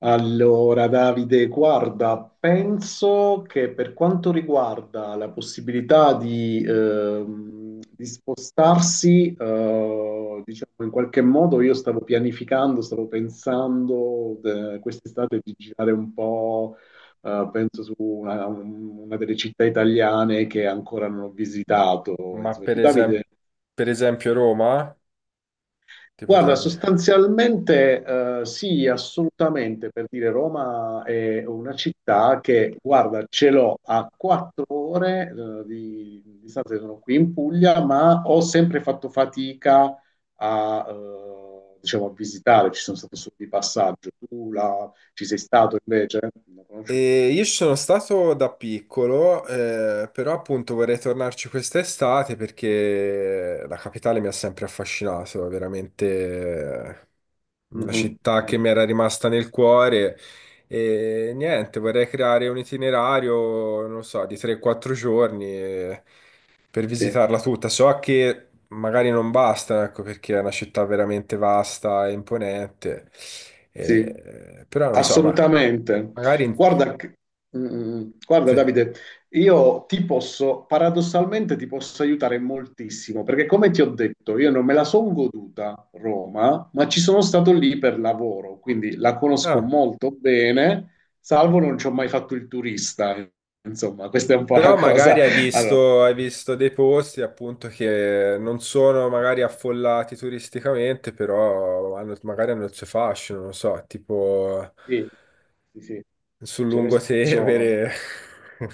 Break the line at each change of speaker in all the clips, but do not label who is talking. Allora, Davide, guarda, penso che per quanto riguarda la possibilità di spostarsi, diciamo in qualche modo, io stavo pianificando, stavo pensando quest'estate di girare un po', penso su una delle città italiane che ancora non ho visitato.
Ma
Insomma, tu, Davide?
per esempio Roma ti
Guarda,
potrebbe.
sostanzialmente sì, assolutamente, per dire Roma è una città che, guarda, ce l'ho a 4 ore di distanza, sono qui in Puglia, ma ho sempre fatto fatica a, diciamo, a visitare, ci sono stato solo di passaggio. Tu ci sei stato invece? La conosci un po'?
E io ci sono stato da piccolo, però appunto vorrei tornarci quest'estate perché la capitale mi ha sempre affascinato, è veramente
Mm,
una
mm,
città che
mm,
mi era rimasta nel cuore. E niente, vorrei creare un itinerario, non lo so, di 3-4 giorni, per
sì.
visitarla tutta. So che magari non basta, ecco, perché è una città veramente vasta e imponente,
Sì,
però non lo so, ma.
assolutamente.
Magari in.
Guarda, guarda
Sì.
Davide, io ti posso, paradossalmente ti posso aiutare moltissimo, perché come ti ho detto, io non me la sono goduta Roma, ma ci sono stato lì per lavoro, quindi la conosco
No.
molto bene, salvo non ci ho mai fatto il turista. Insomma, questa è un po' la
Però
cosa.
magari
Allora,
hai visto dei posti appunto che non sono magari affollati turisticamente, però magari hanno il suo fascino, non so, tipo
sì, sì, sì,
sul
ce ne sono.
lungotevere.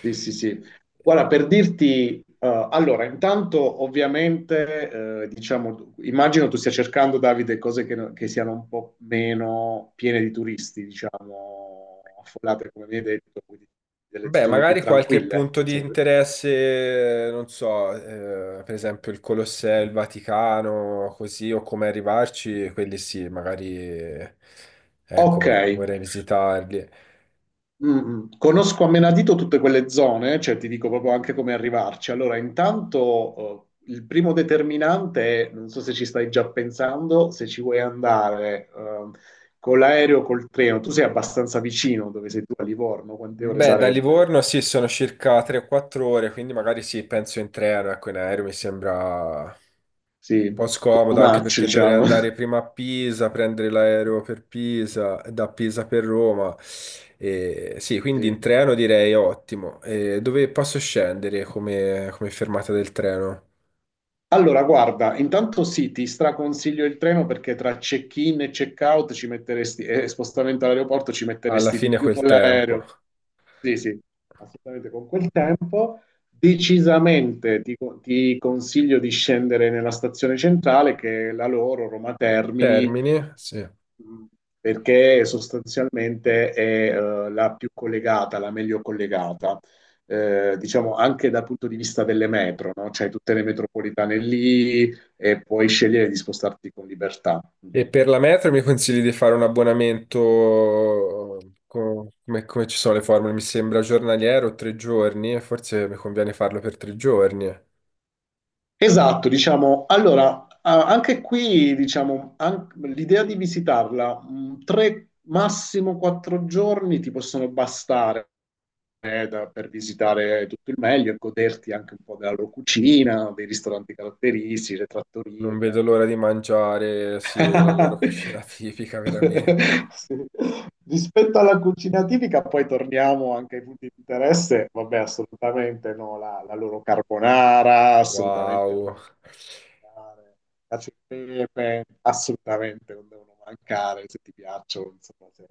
Sì, sì, sì. Guarda, per dirti, allora, intanto ovviamente, diciamo, immagino tu stia cercando, Davide, cose che, no- che siano un po' meno piene di turisti, diciamo, affollate, come mi hai detto, quindi delle
Beh,
zone più
magari qualche
tranquille,
punto di
se vuoi.
interesse, non so, per esempio il Colosseo, il Vaticano, così, o come arrivarci, quelli sì, magari,
Ok.
ecco, vorrei visitarli.
Mm. Conosco a menadito tutte quelle zone, cioè ti dico proprio anche come arrivarci. Allora, intanto il primo determinante è, non so se ci stai già pensando, se ci vuoi andare con l'aereo o col treno. Tu sei abbastanza vicino dove sei tu a Livorno, quante ore
Beh, da
sarebbero?
Livorno sì, sono circa 3 o 4 ore, quindi magari sì, penso in treno, ecco, in aereo mi sembra un
Sì,
po'
too
scomodo, anche
much,
perché dovrei
diciamo.
andare prima a Pisa, prendere l'aereo per Pisa, e da Pisa per Roma. E, sì, quindi in
Sì.
treno direi ottimo. E dove posso scendere come fermata del treno?
Allora, guarda, intanto sì, ti straconsiglio il treno perché tra check-in e check-out ci metteresti, e spostamento all'aeroporto ci
Alla
metteresti di
fine
più
quel
con
tempo.
l'aereo. Sì, sì, assolutamente con quel tempo. Decisamente ti consiglio di scendere nella stazione centrale, che è la loro, Roma Termini,
Termini? Sì.
perché sostanzialmente è la più collegata, la meglio collegata, diciamo anche dal punto di vista delle metro, no? C'hai tutte le metropolitane lì e puoi scegliere di spostarti con libertà.
E
Mhm.
per la metro mi consigli di fare un abbonamento, come ci sono le formule? Mi sembra giornaliero, 3 giorni, e forse mi conviene farlo per 3 giorni.
Esatto, diciamo, allora, anche qui, diciamo, l'idea di visitarla, tre, massimo 4 giorni ti possono bastare per visitare tutto il meglio e goderti anche un po' della loro cucina, dei ristoranti caratteristici, le trattorie
Non
che a
vedo l'ora
Roma.
di mangiare, sì, la loro cucina tipica, veramente.
Sì. Rispetto alla cucina tipica, poi torniamo anche ai punti di interesse. Vabbè, assolutamente no, la loro carbonara, assolutamente
Wow.
cacio e pepe, assolutamente non devono mancare se ti piacciono, insomma, se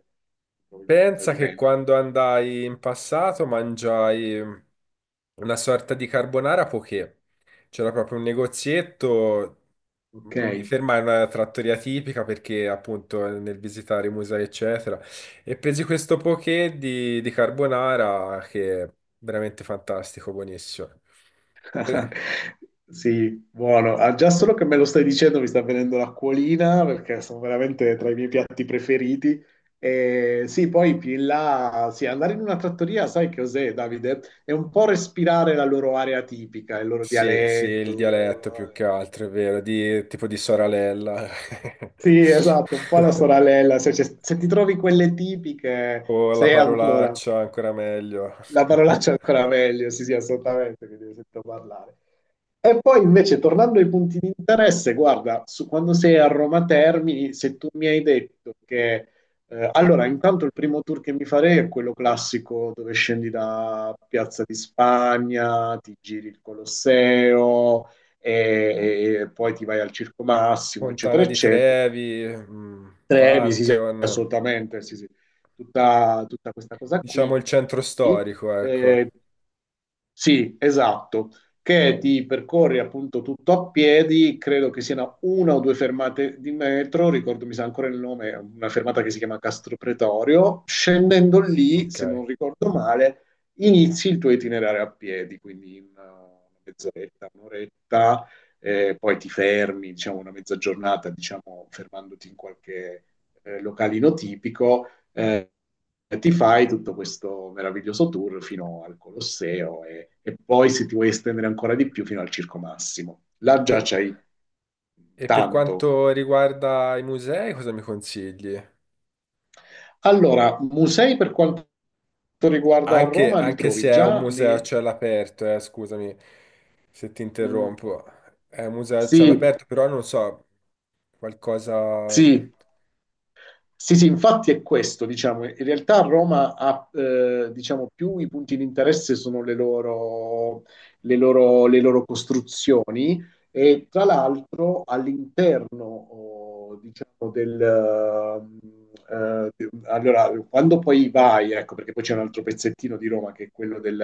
trovi il tuo
Pensa che
gradimento.
quando andai in passato mangiai una sorta di carbonara poché. C'era proprio un negozietto,
Ok.
non mi fermai in una trattoria tipica perché appunto nel visitare i musei eccetera, e presi questo poké di carbonara che è veramente fantastico, buonissimo. Eh,
Sì, buono. Ah, già solo che me lo stai dicendo mi sta venendo l'acquolina perché sono veramente tra i miei piatti preferiti. E sì, poi più in là, sì, andare in una trattoria, sai che cos'è, Davide? È un po' respirare la loro area tipica, il loro
Sì, sì, il
dialetto.
dialetto più che altro, è vero, tipo di Soralella.
Sì, esatto, un po' la soralella. Se ti trovi quelle tipiche,
O la
sei ancora,
parolaccia, ancora meglio.
la parolaccia è ancora meglio, sì, sì, assolutamente, che ti sento parlare. E poi invece tornando ai punti di interesse, guarda, quando sei a Roma Termini, se tu mi hai detto che... allora, intanto il primo tour che mi farei è quello classico dove scendi da Piazza di Spagna, ti giri il Colosseo e poi ti vai al Circo Massimo, eccetera,
Fontana di
eccetera.
Trevi,
Trevi, sì, sì,
Pantheon.
assolutamente, sì, sì. Tutta questa cosa
Diciamo
qui.
il centro storico, ecco.
Eh, sì, esatto, che ti percorri appunto tutto a piedi, credo che siano una o due fermate di metro, ricordo, mi sa ancora il nome, una fermata che si chiama Castro Pretorio, scendendo lì,
Ok.
se non ricordo male, inizi il tuo itinerario a piedi, quindi in una mezz'oretta, un'oretta, poi ti fermi, diciamo, una mezza giornata, diciamo, fermandoti in qualche localino tipico, ti fai tutto questo meraviglioso tour fino al Colosseo poi, se ti vuoi estendere ancora di più, fino al Circo Massimo. Là già
Pe-
c'hai
E per
tanto.
quanto riguarda i musei, cosa mi consigli?
Allora, musei per quanto riguarda
Anche,
Roma li
anche se
trovi
è un
già
museo a
nei...
cielo aperto, scusami se ti
Mm,
interrompo. È un museo a cielo
sì,
aperto, però non so, qualcosa.
sì, sì, sì, infatti è questo, diciamo, in realtà Roma ha, diciamo, più i punti di interesse sono le loro costruzioni e tra l'altro all'interno, oh, diciamo, del... allora, quando poi vai, ecco, perché poi c'è un altro pezzettino di Roma che è quello del,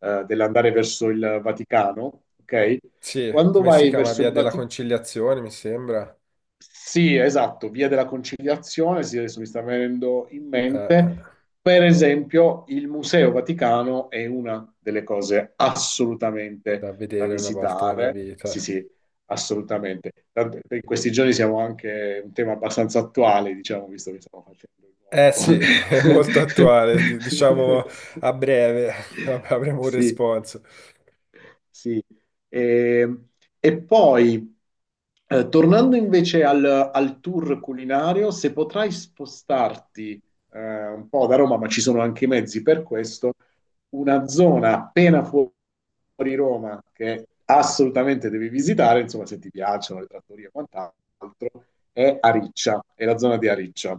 eh, dell'andare verso il Vaticano, ok?
Sì,
Quando
come si
vai
chiama?
verso
Via
il
della
Vaticano
Conciliazione, mi sembra.
sì, esatto, via della Conciliazione, sì, adesso mi sta venendo in
Eh, eh,
mente, per esempio, il Museo Vaticano è una delle cose
Da
assolutamente da
vedere una volta nella
visitare, sì,
vita.
sì, assolutamente. In questi giorni siamo anche un tema abbastanza attuale, diciamo, visto che stiamo facendo il
Eh sì, è
nuovo...
molto attuale, diciamo a breve avremo un
Sì.
responso.
Sì. E, e poi, tornando invece al tour culinario, se potrai spostarti un po' da Roma, ma ci sono anche i mezzi per questo, una zona appena fuori Roma che assolutamente devi visitare, insomma, se ti piacciono le trattorie e quant'altro, è Ariccia, è la zona di Ariccia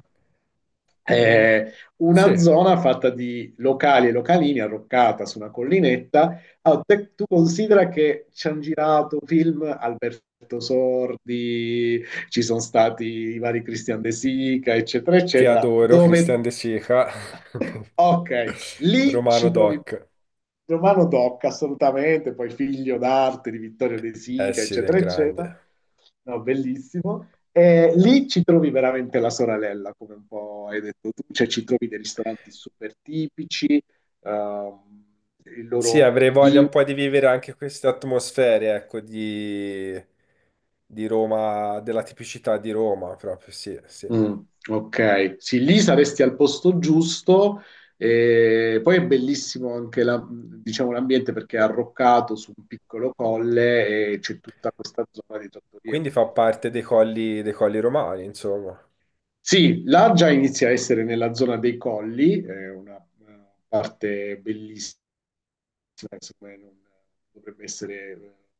Mm,
eh, una
sì,
zona fatta di locali e localini arroccata su una collinetta. Allora, tu considera che ci hanno girato film Alberto Sordi, ci sono stati i vari Christian De Sica, eccetera,
che
eccetera,
adoro,
dove...
Christian De Sica,
Ok, lì
Romano
ci trovi
Doc,
Romano Tocca, assolutamente, poi figlio d'arte di Vittorio De
eh
Sica,
sì, del
eccetera, eccetera.
grande.
No, bellissimo. E lì ci trovi veramente la soralella, come un po' hai detto tu, cioè ci trovi dei ristoranti super tipici, ehm, il
Sì,
loro
avrei voglia un
vino.
po' di vivere anche queste atmosfere, ecco, di Roma, della tipicità di Roma, proprio, sì, sì.
Mm, ok, sì, lì saresti al posto giusto. E poi è bellissimo anche diciamo, l'ambiente perché è arroccato su un piccolo colle e c'è tutta questa zona di trattorie
Quindi
una
fa
dietro
parte
l'altra.
dei colli romani, insomma.
Sì, là già inizia a essere nella zona dei colli, è una parte bellissima secondo me non dovrebbe essere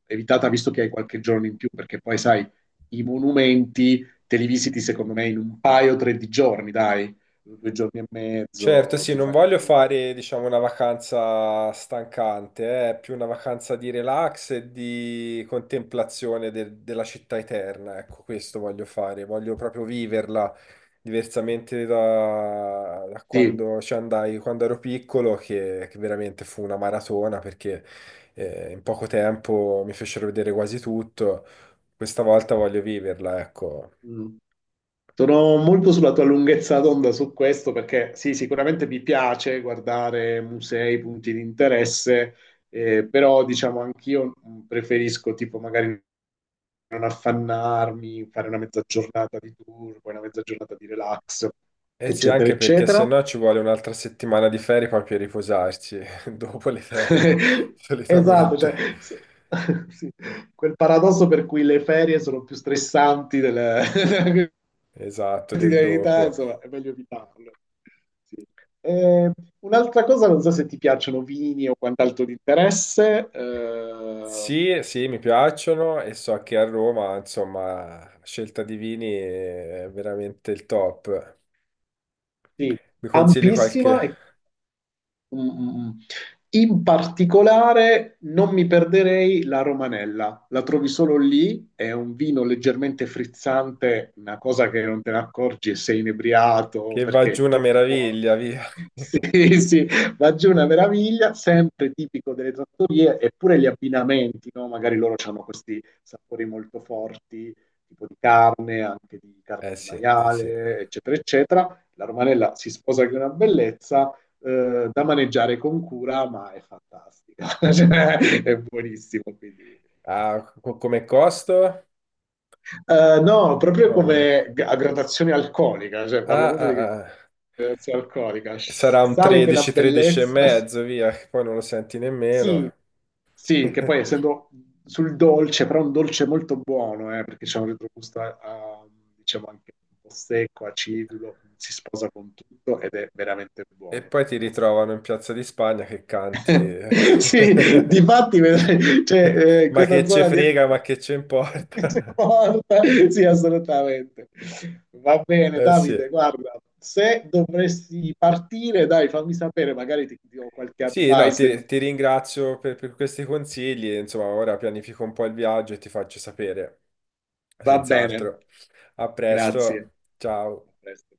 evitata visto che hai qualche giorno in più, perché poi sai, i monumenti te li visiti secondo me in un paio o tre di giorni, dai, 2 giorni e
Certo,
mezzo
sì,
ti
non
fai
voglio
tu.
fare, diciamo, una vacanza stancante, è più una vacanza di relax e di contemplazione della città eterna, ecco, questo voglio fare, voglio proprio viverla diversamente da
Sì.
quando ci andai, quando ero piccolo, che veramente fu una maratona perché in poco tempo mi fecero vedere quasi tutto, questa volta voglio viverla, ecco.
Mm. Sono molto sulla tua lunghezza d'onda su questo perché sì, sicuramente mi piace guardare musei, punti di interesse, però diciamo anch'io preferisco tipo magari affannarmi, fare una mezza giornata di tour, poi una mezza giornata di relax,
Eh sì,
eccetera,
anche perché se
eccetera.
no ci vuole un'altra settimana di ferie poi per riposarci dopo le ferie,
Esatto, cioè,
solitamente.
s- sì, quel paradosso per cui le ferie sono più stressanti della della
Esatto, del
quotidianità,
dopo.
insomma, è meglio evitarlo. Sì. Eh, un'altra cosa, non so se ti piacciono vini o quant'altro di interesse,
Sì, sì, mi piacciono e so che a Roma, insomma, la scelta di vini è veramente il top.
sì,
Mi consigli
ampissima
qualche
e mm, mm, mm. In particolare non mi perderei la Romanella, la trovi solo lì, è un vino leggermente frizzante, una cosa che non te ne accorgi e sei inebriato
che va
perché
giù
è
una
troppo buono.
meraviglia, via.
Sì, sì, va giù una meraviglia, sempre tipico delle trattorie, eppure gli abbinamenti, no? Magari loro hanno questi sapori molto forti, tipo di carne, anche di carne
Eh
di
sì, eh sì.
maiale, eccetera, eccetera. La Romanella si sposa che è una bellezza da maneggiare con cura, ma è fantastica. Cioè, è buonissimo. Quindi.
Ah, come costo?
No, proprio
No, no, no.
come a gradazione alcolica, cioè parlo
Ah,
proprio
ah,
di
ah.
gradazione alcolica.
Sarà un
Sale che è una
13, 13 e
bellezza.
mezzo, via, che poi non lo senti
Sì,
nemmeno.
sì, che poi essendo sul dolce, però un dolce molto buono, perché c'è un retrogusto, diciamo, anche un po' secco, acidulo, si sposa con tutto ed è veramente
E
buono.
poi ti
Però
ritrovano in Piazza di Spagna che canti.
sì, difatti vedrai, cioè,
Ma che
questa
ce
zona di...
frega, ma che ce importa.
si è morta. Sì, assolutamente. Va bene,
Eh sì.
Davide, guarda, se dovresti partire, dai, fammi sapere, magari ti do qualche
Sì, no,
advice.
ti ringrazio per questi consigli. Insomma, ora pianifico un po' il viaggio e ti faccio sapere.
Va bene,
Senz'altro. A
grazie.
presto. Ciao.
A presto.